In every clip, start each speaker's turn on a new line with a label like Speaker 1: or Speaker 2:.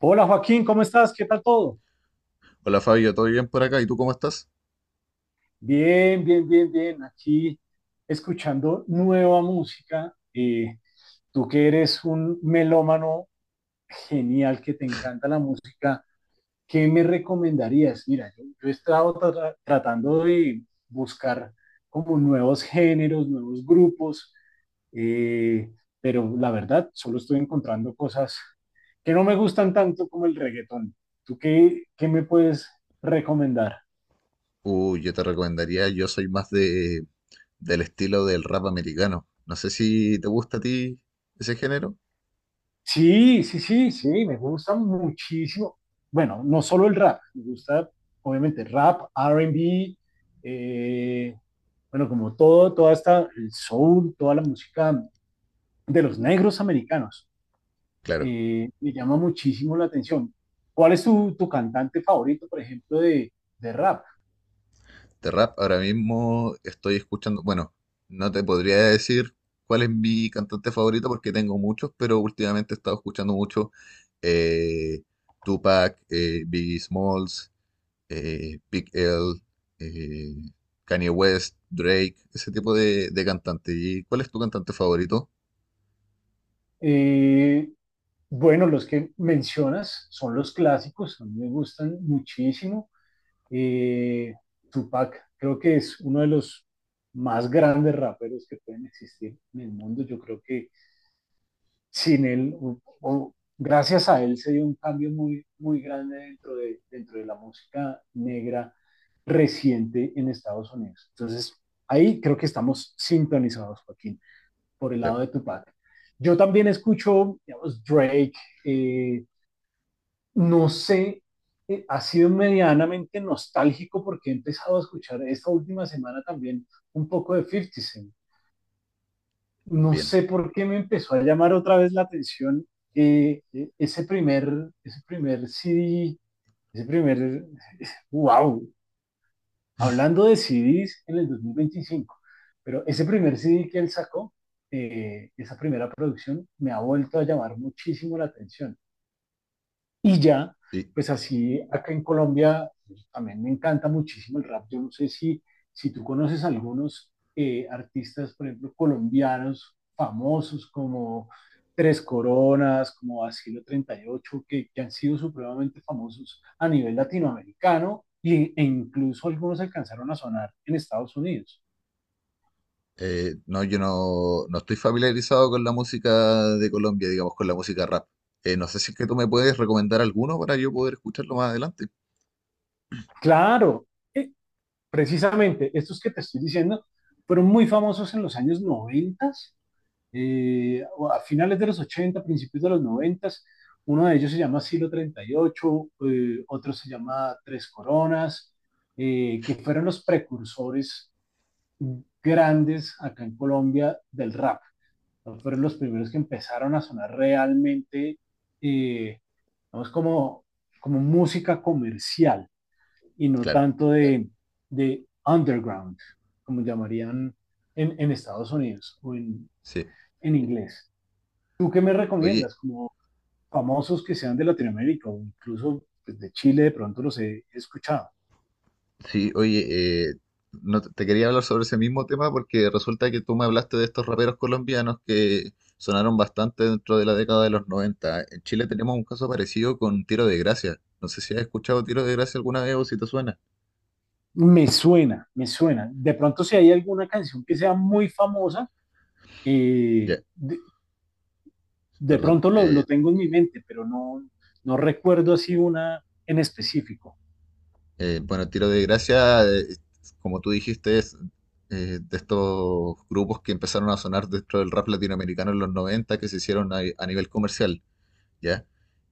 Speaker 1: Hola Joaquín, ¿cómo estás? ¿Qué tal todo?
Speaker 2: Hola Fabio, ¿todo bien por acá? ¿Y tú cómo estás?
Speaker 1: Bien, bien, bien, bien. Aquí escuchando nueva música. Tú que eres un melómano genial, que te encanta la música, ¿qué me recomendarías? Mira, yo he estado tratando de buscar como nuevos géneros, nuevos grupos, eh, pero la verdad solo estoy encontrando cosas que no me gustan tanto como el reggaetón. ¿Tú qué me puedes recomendar?
Speaker 2: Uy, yo te recomendaría, yo soy más del estilo del rap americano. No sé si te gusta a ti ese género.
Speaker 1: Sí, sí, sí, sí, me gusta muchísimo. Bueno, no solo el rap, me gusta obviamente rap, R&B, eh, bueno, como todo, toda esta, el soul, toda la música de los negros americanos,
Speaker 2: Claro,
Speaker 1: me llama muchísimo la atención. ¿Cuál es tu cantante favorito, por ejemplo, de rap?
Speaker 2: de rap ahora mismo estoy escuchando, bueno, no te podría decir cuál es mi cantante favorito porque tengo muchos, pero últimamente he estado escuchando mucho eh, Tupac, Biggie Smalls, Big L, eh, Kanye West, Drake, ese tipo de cantante. ¿Y cuál es tu cantante favorito?
Speaker 1: Eh, bueno, los que mencionas son los clásicos, a mí me gustan muchísimo. Eh, Tupac creo que es uno de los más grandes raperos que pueden existir en el mundo. Yo creo que sin él, o gracias a él, se dio un cambio muy, muy grande dentro de la música negra reciente en Estados Unidos. Entonces, ahí creo que estamos sintonizados, Joaquín, por el
Speaker 2: Claro,
Speaker 1: lado de Tupac. Yo también escucho, digamos, Drake, eh, no sé, ha sido medianamente nostálgico porque he empezado a escuchar esta última semana también un poco de 50 Cent. No
Speaker 2: bien,
Speaker 1: sé por qué me empezó a llamar otra vez la atención ese primer CD, ese primer, wow, hablando de CDs en el 2025, pero ese primer CD que él sacó, esa primera producción, me ha vuelto a llamar muchísimo la atención. Y ya,
Speaker 2: sí.
Speaker 1: pues así, acá en Colombia pues, también me encanta muchísimo el rap. Yo no sé si, si tú conoces algunos artistas, por ejemplo, colombianos famosos como Tres Coronas, como Asilo 38 que han sido supremamente famosos a nivel latinoamericano y, e incluso algunos alcanzaron a sonar en Estados Unidos.
Speaker 2: No, yo no estoy familiarizado con la música de Colombia, digamos, con la música rap. No sé si es que tú me puedes recomendar alguno para yo poder escucharlo más adelante.
Speaker 1: Claro, eh, precisamente estos que te estoy diciendo fueron muy famosos en los años 90, eh, a finales de los 80 principios de los 90, uno de ellos se llama Silo 38, otro se llama Tres Coronas, que fueron los precursores grandes acá en Colombia del rap. ¿No? Fueron los primeros que empezaron a sonar realmente, eh, vamos, como, como música comercial y no
Speaker 2: Claro,
Speaker 1: tanto de underground, como llamarían en Estados Unidos o
Speaker 2: sí.
Speaker 1: en inglés. ¿Tú qué me
Speaker 2: Oye,
Speaker 1: recomiendas? Como famosos que sean de Latinoamérica o incluso pues, de Chile, de pronto los he escuchado.
Speaker 2: sí, oye, no, te quería hablar sobre ese mismo tema porque resulta que tú me hablaste de estos raperos colombianos que sonaron bastante dentro de la década de los noventa. En Chile tenemos un caso parecido con Tiro de Gracia. No sé si has escuchado Tiro de Gracia alguna vez o si te suena.
Speaker 1: Me suena, me suena. De pronto si hay alguna canción que sea muy famosa,
Speaker 2: Ya,
Speaker 1: eh, de, de
Speaker 2: perdón.
Speaker 1: pronto lo tengo en mi mente, pero no, no recuerdo así una en específico.
Speaker 2: Bueno, Tiro de Gracia, como tú dijiste, es de estos grupos que empezaron a sonar dentro del rap latinoamericano en los 90, que se hicieron a nivel comercial, ¿ya?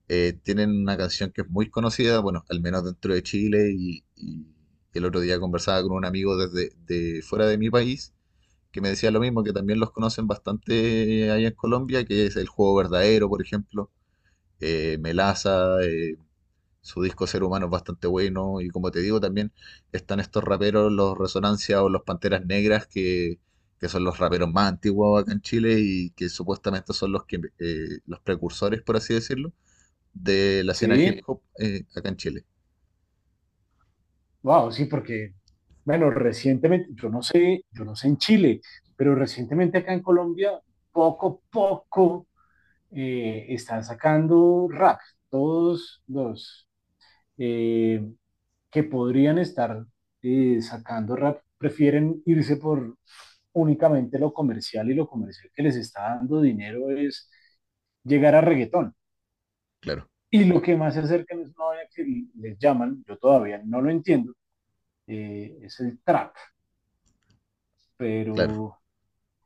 Speaker 2: Tienen una canción que es muy conocida, bueno, al menos dentro de Chile y el otro día conversaba con un amigo desde de fuera de mi país que me decía lo mismo, que también los conocen bastante allá en Colombia, que es El Juego Verdadero, por ejemplo, Melaza, su disco Ser Humano es bastante bueno. Y como te digo, también están estos raperos, los Resonancia o los Panteras Negras, que son los raperos más antiguos acá en Chile y que supuestamente son los, que, los precursores, por así decirlo, de la escena hip
Speaker 1: Sí,
Speaker 2: hop acá en Chile.
Speaker 1: wow, sí, porque, bueno, recientemente, yo no sé en Chile, pero recientemente acá en Colombia, poco, poco, están sacando rack, todos los eh, que podrían estar sacando rap prefieren irse por únicamente lo comercial y lo comercial que les está dando dinero es llegar a reggaetón.
Speaker 2: Claro,
Speaker 1: Y lo que más se acerca es una vaina que les llaman, yo todavía no lo entiendo, es el trap,
Speaker 2: claro.
Speaker 1: pero,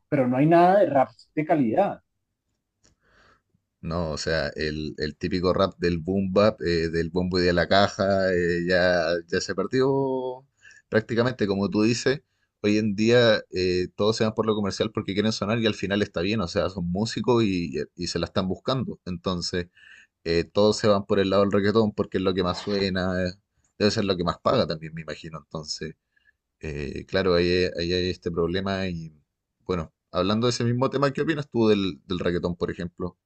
Speaker 1: pero no hay nada de rap de calidad.
Speaker 2: No, o sea, el típico rap del boom bap, del bombo y de la caja, ya, ya se perdió prácticamente, como tú dices. Hoy en día todos se van por lo comercial porque quieren sonar y al final está bien, o sea, son músicos y se la están buscando. Entonces, todos se van por el lado del reggaetón porque es lo que más suena, debe ser lo que más paga también, me imagino. Entonces, claro, ahí hay este problema y bueno, hablando de ese mismo tema, ¿qué opinas tú del reggaetón, por ejemplo?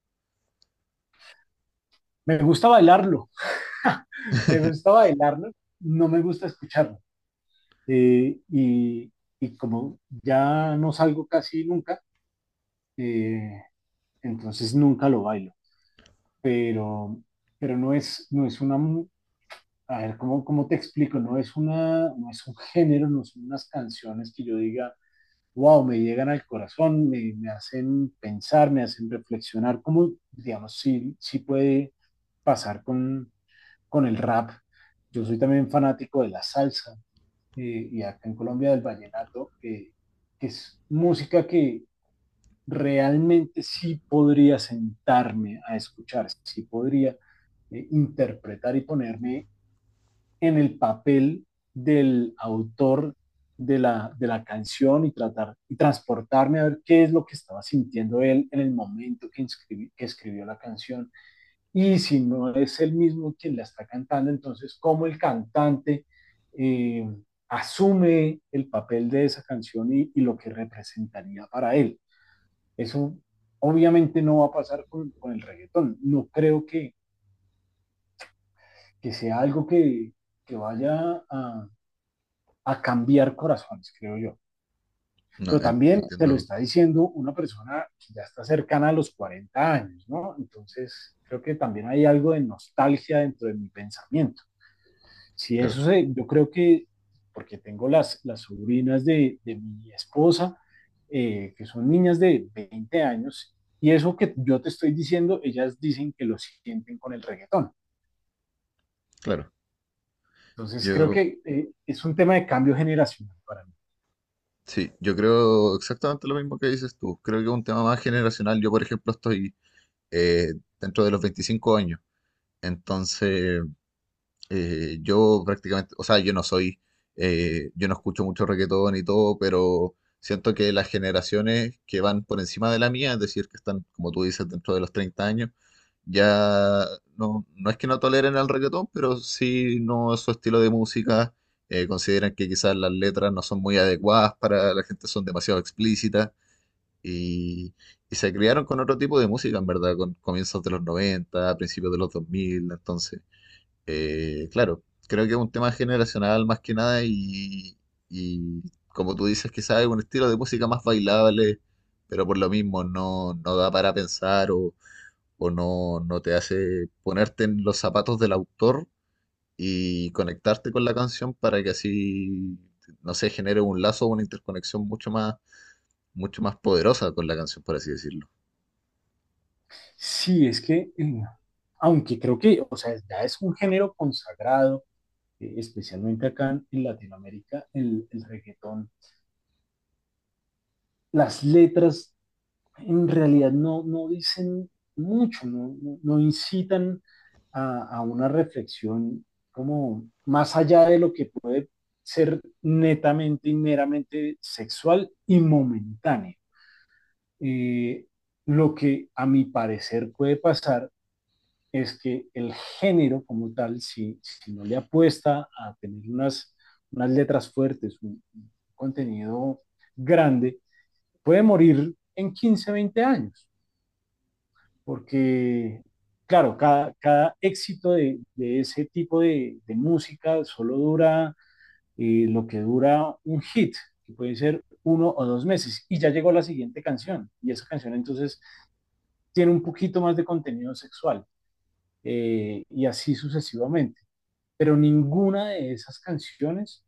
Speaker 1: Me gusta bailarlo, me gusta bailarlo, no me gusta escucharlo. eh, y, y como ya no salgo casi nunca, eh, entonces nunca lo bailo, pero, pero no es, no es una, a ver, ¿cómo, cómo te explico? No es una, no es un género, no son unas canciones que yo diga, wow, me llegan al corazón, me hacen pensar, me hacen reflexionar, como, digamos, sí, sí puede pasar con el rap. Yo soy también fanático de la salsa, y acá en Colombia del vallenato, que es música que realmente sí podría sentarme a escuchar, sí podría interpretar y ponerme en el papel del autor de la canción y tratar y transportarme a ver qué es lo que estaba sintiendo él en el momento que, que escribió la canción y si no es él mismo quien la está cantando, entonces cómo el cantante eh, asume el papel de esa canción y, lo que representaría para él. Eso obviamente no va a pasar con el reggaetón. No creo que sea algo que vaya a cambiar corazones, creo yo.
Speaker 2: No,
Speaker 1: Pero
Speaker 2: en-
Speaker 1: también te lo
Speaker 2: entiendo,
Speaker 1: está diciendo una persona que ya está cercana a los 40 años, ¿no? Entonces, creo que también hay algo de nostalgia dentro de mi pensamiento. Si
Speaker 2: claro,
Speaker 1: eso se, yo creo que, porque tengo las sobrinas de mi esposa, que son niñas de 20 años, y eso que yo te estoy diciendo, ellas dicen que lo sienten con el reggaetón.
Speaker 2: claro.
Speaker 1: Entonces creo
Speaker 2: Yo,
Speaker 1: que es un tema de cambio generacional para mí.
Speaker 2: sí, yo creo exactamente lo mismo que dices tú. Creo que es un tema más generacional. Yo, por ejemplo, estoy eh, dentro de los 25 años. Entonces, yo prácticamente, o sea, yo no soy, yo no escucho mucho reggaetón y todo, pero siento que las generaciones que van por encima de la mía, es decir, que están, como tú dices, dentro de los 30 años, ya no es que no toleren el reggaetón, pero sí no es su estilo de música. Eh, consideran que quizás las letras no son muy adecuadas para la gente, son demasiado explícitas y, y se criaron con otro tipo de música, en verdad, con comienzos de los 90 principios de los dos mil. Entonces claro, creo que es un tema generacional más que nada y como tú dices, quizás es un estilo de música más bailable, pero por lo mismo no da para pensar o, no te hace ponerte en los zapatos del autor y conectarte con la canción para que así, no sé, genere un lazo o una interconexión mucho más poderosa con la canción, por así decirlo.
Speaker 1: Sí, es que, aunque creo que, o sea, ya es un género consagrado, especialmente acá en Latinoamérica, el reggaetón, las letras en realidad no, no dicen mucho, no incitan a una reflexión como más allá de lo que puede ser netamente y meramente sexual y momentáneo. Eh, lo que a mi parecer puede pasar es que el género como tal, si, si no le apuesta a tener unas, unas letras fuertes, un contenido grande, puede morir en 15 o 20 años. Porque, claro, cada éxito de ese tipo de música solo dura lo que dura un hit, que puede ser uno o dos meses, y ya llegó la siguiente canción, y esa canción entonces tiene un poquito más de contenido sexual, y así sucesivamente. Pero ninguna de esas canciones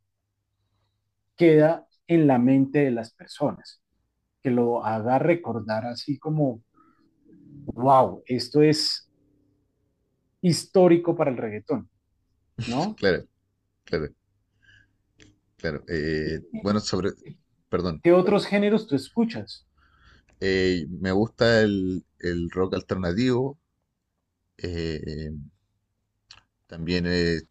Speaker 1: queda en la mente de las personas, que lo haga recordar así como, wow, esto es histórico para el reggaetón, ¿no?
Speaker 2: Claro, claro, claro.
Speaker 1: ¿Y
Speaker 2: Perdón.
Speaker 1: ¿Qué otros géneros tú escuchas?
Speaker 2: Me gusta el rock alternativo, eh, también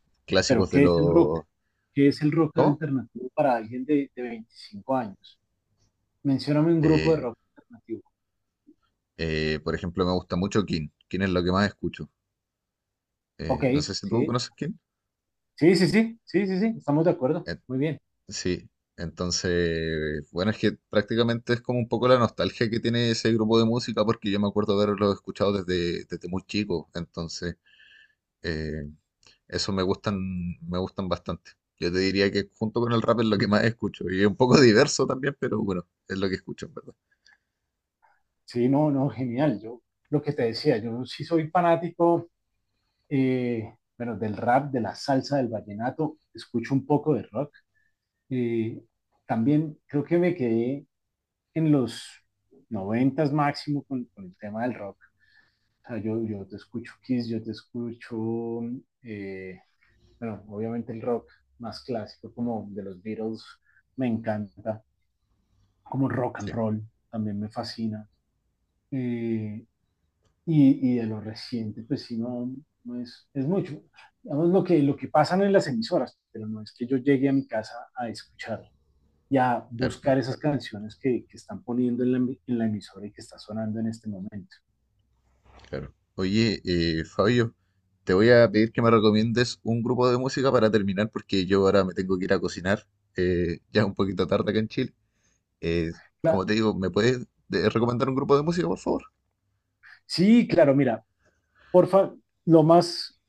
Speaker 1: Pero
Speaker 2: clásicos de
Speaker 1: ¿qué es el rock?
Speaker 2: los...
Speaker 1: ¿Qué es el rock
Speaker 2: ¿Cómo?
Speaker 1: alternativo para alguien de 25 años? Mencióname un grupo
Speaker 2: Eh,
Speaker 1: de rock alternativo.
Speaker 2: por ejemplo, me gusta mucho King. King es lo que más escucho.
Speaker 1: Ok,
Speaker 2: No sé si tú
Speaker 1: sí,
Speaker 2: conoces King.
Speaker 1: sí, sí, sí, sí, sí, sí, estamos de acuerdo.
Speaker 2: Eh,
Speaker 1: Muy bien.
Speaker 2: sí, entonces, bueno, es que prácticamente es como un poco la nostalgia que tiene ese grupo de música, porque yo me acuerdo haberlo escuchado desde, desde muy chico. Entonces, eh, eso me gustan bastante. Yo te diría que junto con el rap es lo que más escucho. Y es un poco diverso también, pero bueno, es lo que escucho, en verdad.
Speaker 1: Sí, no, no, genial. Yo lo que te decía, yo sí soy fanático, bueno, del rap, de la salsa, del vallenato, escucho un poco de rock. Eh, También creo que me quedé en los noventas máximo con el tema del rock. O sea, yo te escucho Kiss, yo te escucho, eh, bueno, obviamente el rock más clásico como de los Beatles me encanta, como rock and
Speaker 2: Sí,
Speaker 1: roll también me fascina. Eh, de lo reciente, pues sí, no, es, mucho. Digamos, lo que pasan en las emisoras, pero no es que yo llegue a mi casa a escuchar y a
Speaker 2: claro,
Speaker 1: buscar esas canciones que están poniendo en la, emisora y que está sonando en este momento.
Speaker 2: claro. Oye, Fabio, te voy a pedir que me recomiendes un grupo de música para terminar, porque yo ahora me tengo que ir a cocinar. Eh, ya es un poquito tarde acá en Chile. Eh, como te digo, ¿me puedes recomendar un grupo de música, por favor?
Speaker 1: Sí, claro, mira, porfa, lo más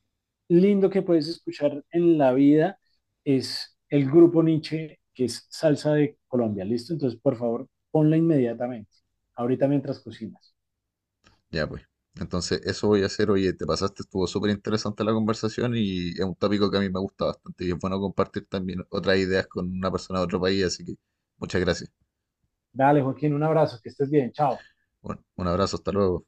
Speaker 1: lindo que puedes escuchar en la vida es el grupo Nietzsche, que es Salsa de Colombia. ¿Listo? Entonces, por favor, ponla inmediatamente, ahorita mientras cocinas.
Speaker 2: Ya pues. Entonces, eso voy a hacer. Oye, te pasaste, estuvo súper interesante la conversación y es un tópico que a mí me gusta bastante y es bueno compartir también otras ideas con una persona de otro país, así que muchas gracias.
Speaker 1: Dale, Joaquín, un abrazo, que estés bien. Chao.
Speaker 2: Bueno, un abrazo, hasta luego.